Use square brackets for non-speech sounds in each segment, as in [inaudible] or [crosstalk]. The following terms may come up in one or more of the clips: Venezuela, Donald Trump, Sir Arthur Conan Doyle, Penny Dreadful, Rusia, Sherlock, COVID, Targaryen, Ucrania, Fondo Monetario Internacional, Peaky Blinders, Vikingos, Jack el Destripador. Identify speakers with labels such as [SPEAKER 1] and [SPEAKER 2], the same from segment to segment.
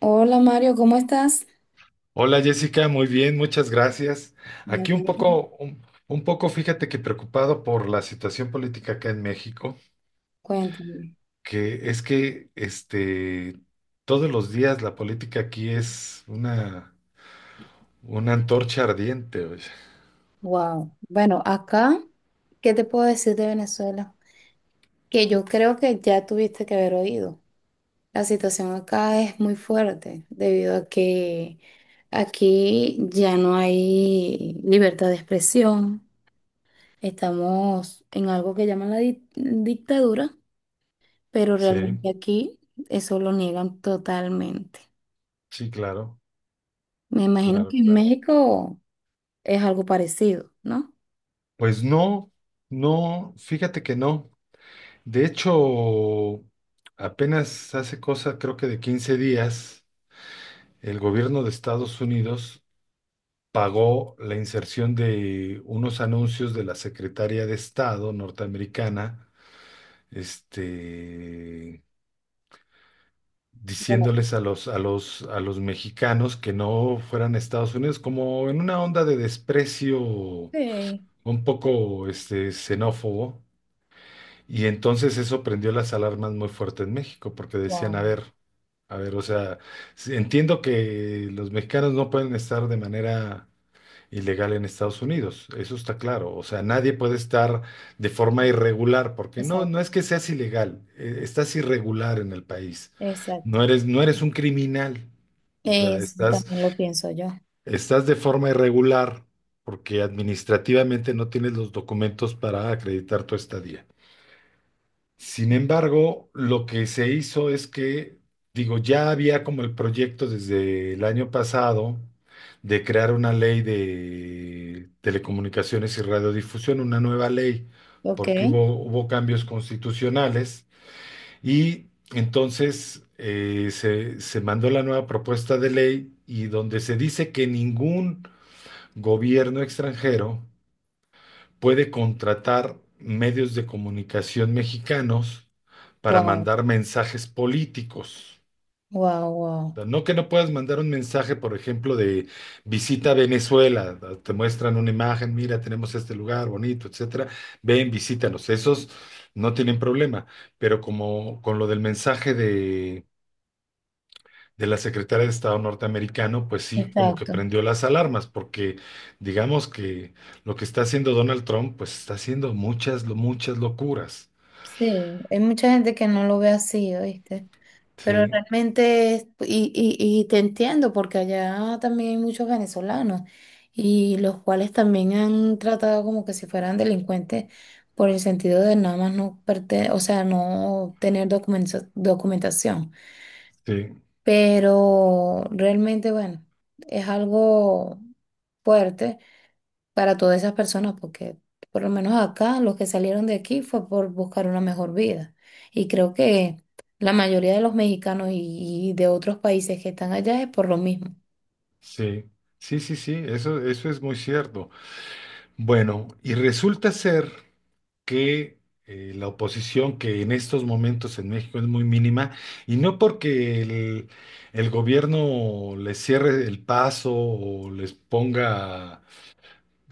[SPEAKER 1] Hola Mario, ¿cómo estás?
[SPEAKER 2] Hola Jessica, muy bien, muchas gracias.
[SPEAKER 1] Me
[SPEAKER 2] Aquí un
[SPEAKER 1] alegro.
[SPEAKER 2] poco, un poco, fíjate que preocupado por la situación política acá en México,
[SPEAKER 1] Cuéntame.
[SPEAKER 2] que es todos los días la política aquí es una antorcha ardiente, oye.
[SPEAKER 1] Wow. Bueno, acá, ¿qué te puedo decir de Venezuela? Que yo creo que ya tuviste que haber oído. La situación acá es muy fuerte debido a que aquí ya no hay libertad de expresión. Estamos en algo que llaman la dictadura, pero
[SPEAKER 2] Sí,
[SPEAKER 1] realmente aquí eso lo niegan totalmente.
[SPEAKER 2] sí, claro,
[SPEAKER 1] Me imagino
[SPEAKER 2] claro,
[SPEAKER 1] que en
[SPEAKER 2] claro.
[SPEAKER 1] México es algo parecido, ¿no?
[SPEAKER 2] Pues no, no, fíjate que no. De hecho, apenas hace cosa, creo que de 15 días, el gobierno de Estados Unidos pagó la inserción de unos anuncios de la Secretaría de Estado norteamericana, este, diciéndoles a los mexicanos que no fueran a Estados Unidos, como en una onda de desprecio
[SPEAKER 1] Sí,
[SPEAKER 2] un poco xenófobo. Y entonces eso prendió las alarmas muy fuerte en México, porque decían,
[SPEAKER 1] wow,
[SPEAKER 2] a ver, o sea, entiendo que los mexicanos no pueden estar de manera ilegal en Estados Unidos, eso está claro. O sea, nadie puede estar de forma irregular, porque no,
[SPEAKER 1] exacto,
[SPEAKER 2] no es que seas ilegal, estás irregular en el país. No
[SPEAKER 1] exacto.
[SPEAKER 2] eres, no eres un criminal. O sea,
[SPEAKER 1] Eso
[SPEAKER 2] estás,
[SPEAKER 1] también lo pienso yo.
[SPEAKER 2] estás de forma irregular porque administrativamente no tienes los documentos para acreditar tu estadía. Sin embargo, lo que se hizo es que, digo, ya había como el proyecto desde el año pasado de crear una ley de telecomunicaciones y radiodifusión, una nueva ley,
[SPEAKER 1] Ok,
[SPEAKER 2] porque hubo cambios constitucionales y entonces se mandó la nueva propuesta de ley y donde se dice que ningún gobierno extranjero puede contratar medios de comunicación mexicanos para
[SPEAKER 1] wow,
[SPEAKER 2] mandar mensajes políticos.
[SPEAKER 1] wow, wow.
[SPEAKER 2] O sea, no que no puedas mandar un mensaje, por ejemplo, de visita a Venezuela, te muestran una imagen, mira, tenemos este lugar bonito, etcétera, ven, visítanos. Esos no tienen problema, pero como con lo del mensaje de la secretaria de Estado norteamericano, pues sí, como que
[SPEAKER 1] Exacto.
[SPEAKER 2] prendió las alarmas, porque digamos que lo que está haciendo Donald Trump, pues está haciendo muchas locuras.
[SPEAKER 1] Sí, hay mucha gente que no lo ve así, ¿oíste? Pero
[SPEAKER 2] Sí,
[SPEAKER 1] realmente, y te entiendo, porque allá también hay muchos venezolanos, y los cuales también han tratado como que si fueran delincuentes por el sentido de nada más no o sea, no tener documentación.
[SPEAKER 2] sí,
[SPEAKER 1] Pero realmente, bueno, es algo fuerte para todas esas personas, porque por lo menos acá los que salieron de aquí fue por buscar una mejor vida. Y creo que la mayoría de los mexicanos y de otros países que están allá es por lo mismo.
[SPEAKER 2] sí, sí, sí, sí, eso es muy cierto. Bueno, y resulta ser que la oposición, que en estos momentos en México es muy mínima, y no porque el gobierno les cierre el paso o les ponga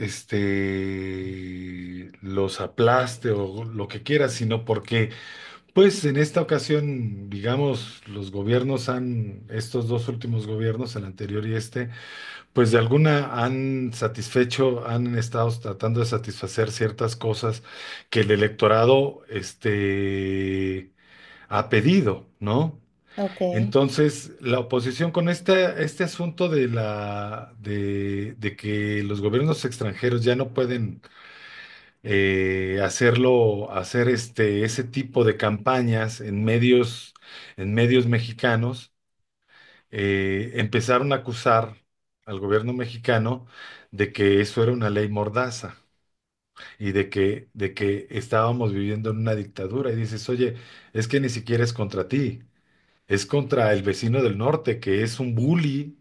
[SPEAKER 2] los aplaste o lo que quieras, sino porque, pues en esta ocasión, digamos, los gobiernos han, estos dos últimos gobiernos, el anterior y este, pues de alguna han satisfecho, han estado tratando de satisfacer ciertas cosas que el electorado, ha pedido, ¿no?
[SPEAKER 1] Ok,
[SPEAKER 2] Entonces, la oposición con este asunto de de que los gobiernos extranjeros ya no pueden hacer ese tipo de campañas en medios mexicanos, empezaron a acusar al gobierno mexicano de que eso era una ley mordaza y de que estábamos viviendo en una dictadura. Y dices, oye, es que ni siquiera es contra ti, es contra el vecino del norte, que es un bully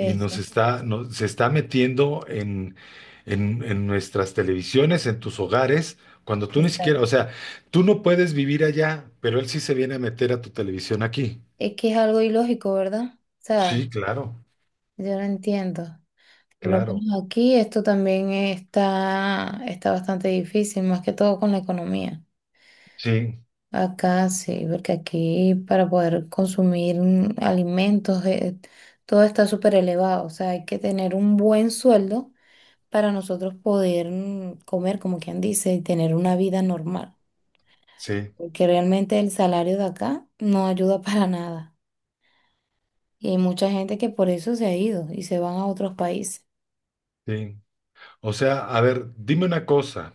[SPEAKER 2] y nos está, no- se está metiendo en nuestras televisiones, en tus hogares, cuando tú ni siquiera, o
[SPEAKER 1] Exacto.
[SPEAKER 2] sea, tú no puedes vivir allá, pero él sí se viene a meter a tu televisión aquí.
[SPEAKER 1] Es que es algo ilógico, ¿verdad? O sea,
[SPEAKER 2] Sí, claro,
[SPEAKER 1] yo no entiendo. Por lo
[SPEAKER 2] claro.
[SPEAKER 1] menos aquí esto también está, está bastante difícil, más que todo con la economía.
[SPEAKER 2] Sí,
[SPEAKER 1] Acá sí, porque aquí para poder consumir alimentos, todo está súper elevado. O sea, hay que tener un buen sueldo para nosotros poder comer, como quien dice, y tener una vida normal.
[SPEAKER 2] sí,
[SPEAKER 1] Porque realmente el salario de acá no ayuda [laughs] para nada. Y hay mucha gente que por eso se ha ido y se van a otros países.
[SPEAKER 2] sí. O sea, a ver, dime una cosa.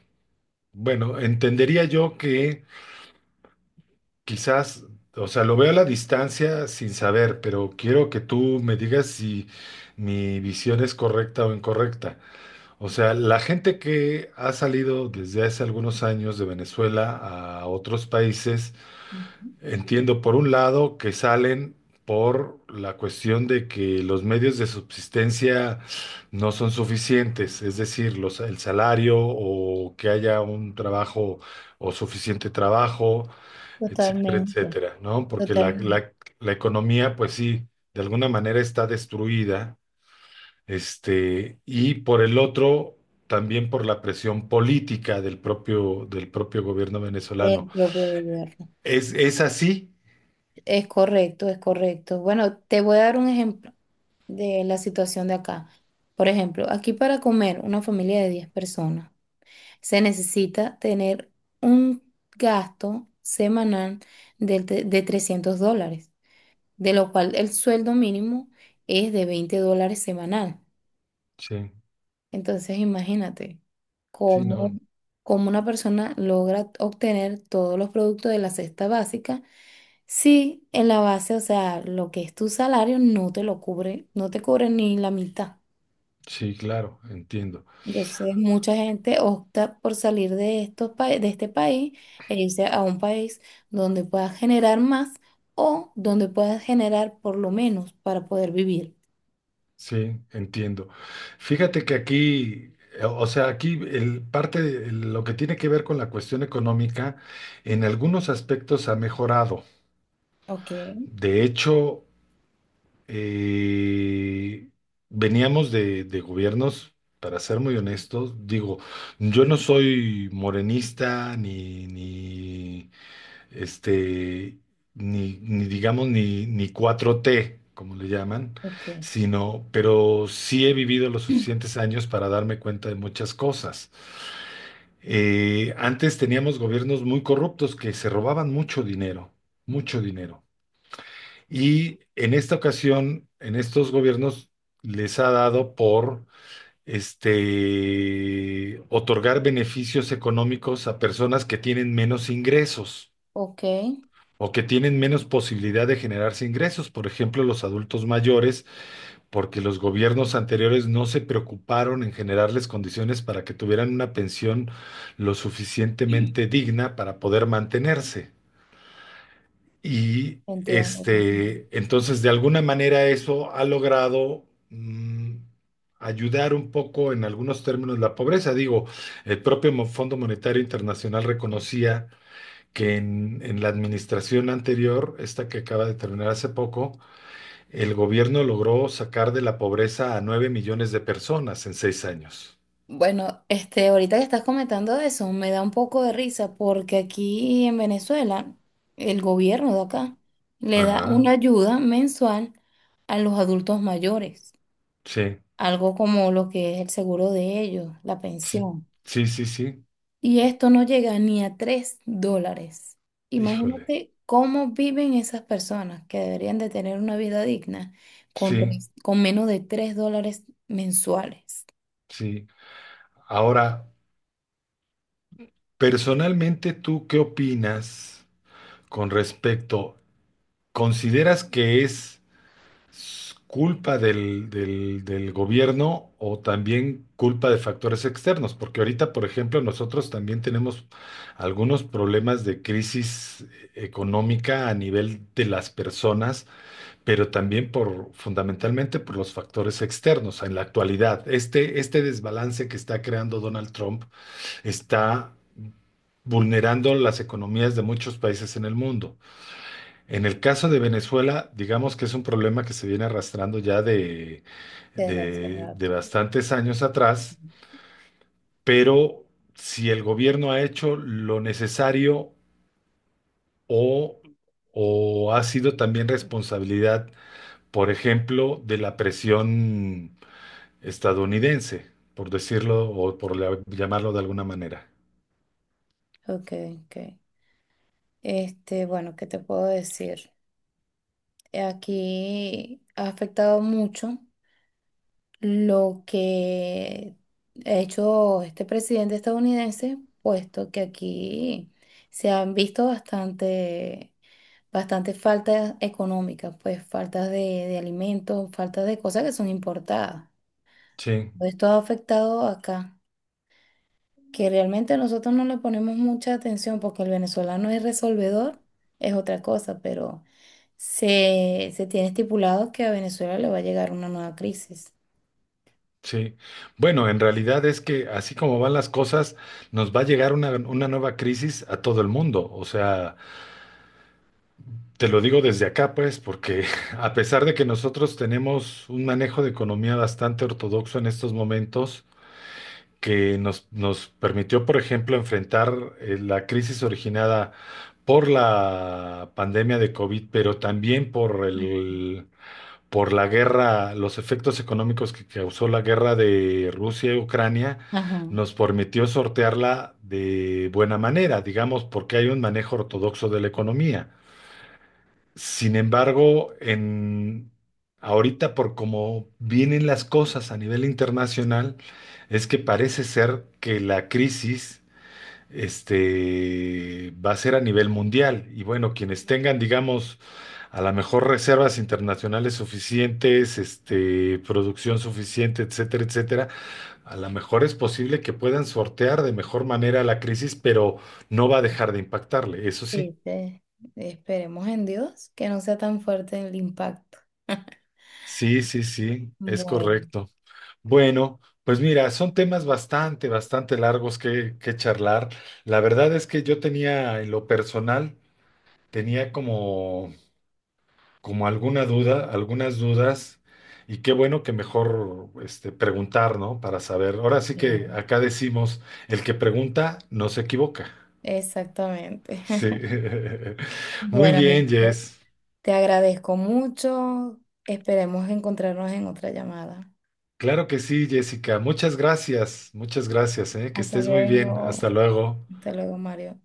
[SPEAKER 2] Bueno, entendería yo que quizás, o sea, lo veo a la distancia sin saber, pero quiero que tú me digas si mi visión es correcta o incorrecta. O sea, la gente que ha salido desde hace algunos años de Venezuela a otros países,
[SPEAKER 1] Ujú.
[SPEAKER 2] entiendo por un lado que salen por la cuestión de que los medios de subsistencia no son suficientes, es decir, el salario o que haya un trabajo o suficiente trabajo, etcétera,
[SPEAKER 1] Totalmente,
[SPEAKER 2] etcétera, ¿no? Porque
[SPEAKER 1] totalmente,
[SPEAKER 2] la la economía, pues sí, de alguna manera está destruida y por el otro, también por la presión política del propio gobierno venezolano.
[SPEAKER 1] del propio gobierno.
[SPEAKER 2] Es así?
[SPEAKER 1] Es correcto, es correcto. Bueno, te voy a dar un ejemplo de la situación de acá. Por ejemplo, aquí para comer una familia de 10 personas se necesita tener un gasto semanal de $300, de lo cual el sueldo mínimo es de $20 semanal.
[SPEAKER 2] Sí,
[SPEAKER 1] Entonces, imagínate
[SPEAKER 2] sí,
[SPEAKER 1] cómo,
[SPEAKER 2] no,
[SPEAKER 1] cómo una persona logra obtener todos los productos de la cesta básica. Sí, en la base, o sea, lo que es tu salario no te lo cubre, no te cubre ni la mitad.
[SPEAKER 2] sí, claro, entiendo,
[SPEAKER 1] Entonces, mucha gente opta por salir de de este país e irse a un país donde puedas generar más o donde puedas generar por lo menos para poder vivir.
[SPEAKER 2] sí, entiendo. Fíjate que aquí, o sea, aquí el parte de lo que tiene que ver con la cuestión económica, en algunos aspectos ha mejorado.
[SPEAKER 1] Ok,
[SPEAKER 2] De hecho, Eh, veníamos de gobiernos, para ser muy honestos, digo, yo no soy morenista ni este, ni, ni digamos, ni, ni cuatro t como le llaman,
[SPEAKER 1] ok,
[SPEAKER 2] sino, pero sí he vivido los
[SPEAKER 1] [clears throat]
[SPEAKER 2] suficientes años para darme cuenta de muchas cosas. Antes teníamos gobiernos muy corruptos que se robaban mucho dinero, mucho dinero. Y en esta ocasión, en estos gobiernos, les ha dado por otorgar beneficios económicos a personas que tienen menos ingresos
[SPEAKER 1] Ok,
[SPEAKER 2] o que tienen menos posibilidad de generarse ingresos, por ejemplo, los adultos mayores, porque los gobiernos anteriores no se preocuparon en generarles condiciones para que tuvieran una pensión lo suficientemente digna para poder mantenerse. Y
[SPEAKER 1] entiendo. Comprendo.
[SPEAKER 2] entonces, de alguna manera eso ha logrado mm, ayudar un poco en algunos términos la pobreza. Digo, el propio Fondo Monetario Internacional reconocía que en la administración anterior, esta que acaba de terminar hace poco, el gobierno logró sacar de la pobreza a 9 millones de personas en 6 años.
[SPEAKER 1] Bueno, ahorita que estás comentando eso, me da un poco de risa porque aquí en Venezuela, el gobierno de acá le da
[SPEAKER 2] Ajá,
[SPEAKER 1] una ayuda mensual a los adultos mayores,
[SPEAKER 2] sí,
[SPEAKER 1] algo como lo que es el seguro de ellos, la
[SPEAKER 2] sí,
[SPEAKER 1] pensión.
[SPEAKER 2] sí, sí, sí,
[SPEAKER 1] Y esto no llega ni a $3.
[SPEAKER 2] híjole,
[SPEAKER 1] Imagínate cómo viven esas personas que deberían de tener una vida digna con,
[SPEAKER 2] sí,
[SPEAKER 1] con menos de $3 mensuales.
[SPEAKER 2] sí. Ahora, personalmente, ¿tú qué opinas con respecto? ¿Consideras que es culpa del gobierno o también culpa de factores externos? Porque ahorita, por ejemplo, nosotros también tenemos algunos problemas de crisis económica a nivel de las personas, pero también por, fundamentalmente por los factores externos en la actualidad. Este desbalance que está creando Donald Trump está vulnerando las economías de muchos países en el mundo. En el caso de Venezuela, digamos que es un problema que se viene arrastrando ya
[SPEAKER 1] Desde hace
[SPEAKER 2] de
[SPEAKER 1] rato.
[SPEAKER 2] bastantes años atrás, pero si el gobierno ha hecho lo necesario o, o ha sido también responsabilidad, por ejemplo, de la presión estadounidense, por decirlo o por llamarlo de alguna manera.
[SPEAKER 1] Ok, ok. Bueno, ¿qué te puedo decir? Aquí ha afectado mucho lo que ha hecho este presidente estadounidense, puesto que aquí se han visto bastante, bastante faltas económicas, pues faltas de alimentos, faltas de cosas que son importadas.
[SPEAKER 2] Sí.
[SPEAKER 1] Esto ha afectado acá, que realmente nosotros no le ponemos mucha atención porque el venezolano es resolvedor, es otra cosa, pero se tiene estipulado que a Venezuela le va a llegar una nueva crisis.
[SPEAKER 2] Sí, bueno, en realidad es que así como van las cosas, nos va a llegar una nueva crisis a todo el mundo. O sea, te lo digo desde acá, pues, porque [laughs] a pesar de que nosotros tenemos un manejo de economía bastante ortodoxo en estos momentos, que nos permitió, por ejemplo, enfrentar la crisis originada por la pandemia de COVID, pero también por el por la guerra, los efectos económicos que causó la guerra de Rusia y Ucrania,
[SPEAKER 1] Ajá.
[SPEAKER 2] nos permitió sortearla de buena manera, digamos, porque hay un manejo ortodoxo de la economía. Sin embargo, en ahorita por cómo vienen las cosas a nivel internacional, es que parece ser que la crisis va a ser a nivel mundial. Y bueno, quienes tengan, digamos, a lo mejor reservas internacionales suficientes, producción suficiente, etcétera, etcétera. A lo mejor es posible que puedan sortear de mejor manera la crisis, pero no va a dejar de impactarle, eso sí.
[SPEAKER 1] Sí. Esperemos en Dios que no sea tan fuerte el impacto. [laughs]
[SPEAKER 2] Sí, sí, sí, es
[SPEAKER 1] Bueno,
[SPEAKER 2] correcto. Bueno, pues mira, son temas bastante, bastante largos que charlar. La verdad es que yo tenía, en lo personal, tenía como como alguna duda, algunas dudas, y qué bueno que mejor preguntar, ¿no? Para saber. Ahora sí que
[SPEAKER 1] claro.
[SPEAKER 2] acá decimos, el que pregunta no se equivoca.
[SPEAKER 1] Exactamente.
[SPEAKER 2] Sí.
[SPEAKER 1] [laughs]
[SPEAKER 2] [laughs] Muy
[SPEAKER 1] Bueno,
[SPEAKER 2] bien,
[SPEAKER 1] amigo,
[SPEAKER 2] Jess.
[SPEAKER 1] te agradezco mucho. Esperemos encontrarnos en otra llamada.
[SPEAKER 2] Claro que sí, Jessica. Muchas gracias, ¿eh? Que
[SPEAKER 1] Hasta
[SPEAKER 2] estés muy bien. Hasta
[SPEAKER 1] luego.
[SPEAKER 2] luego.
[SPEAKER 1] Hasta luego, Mario.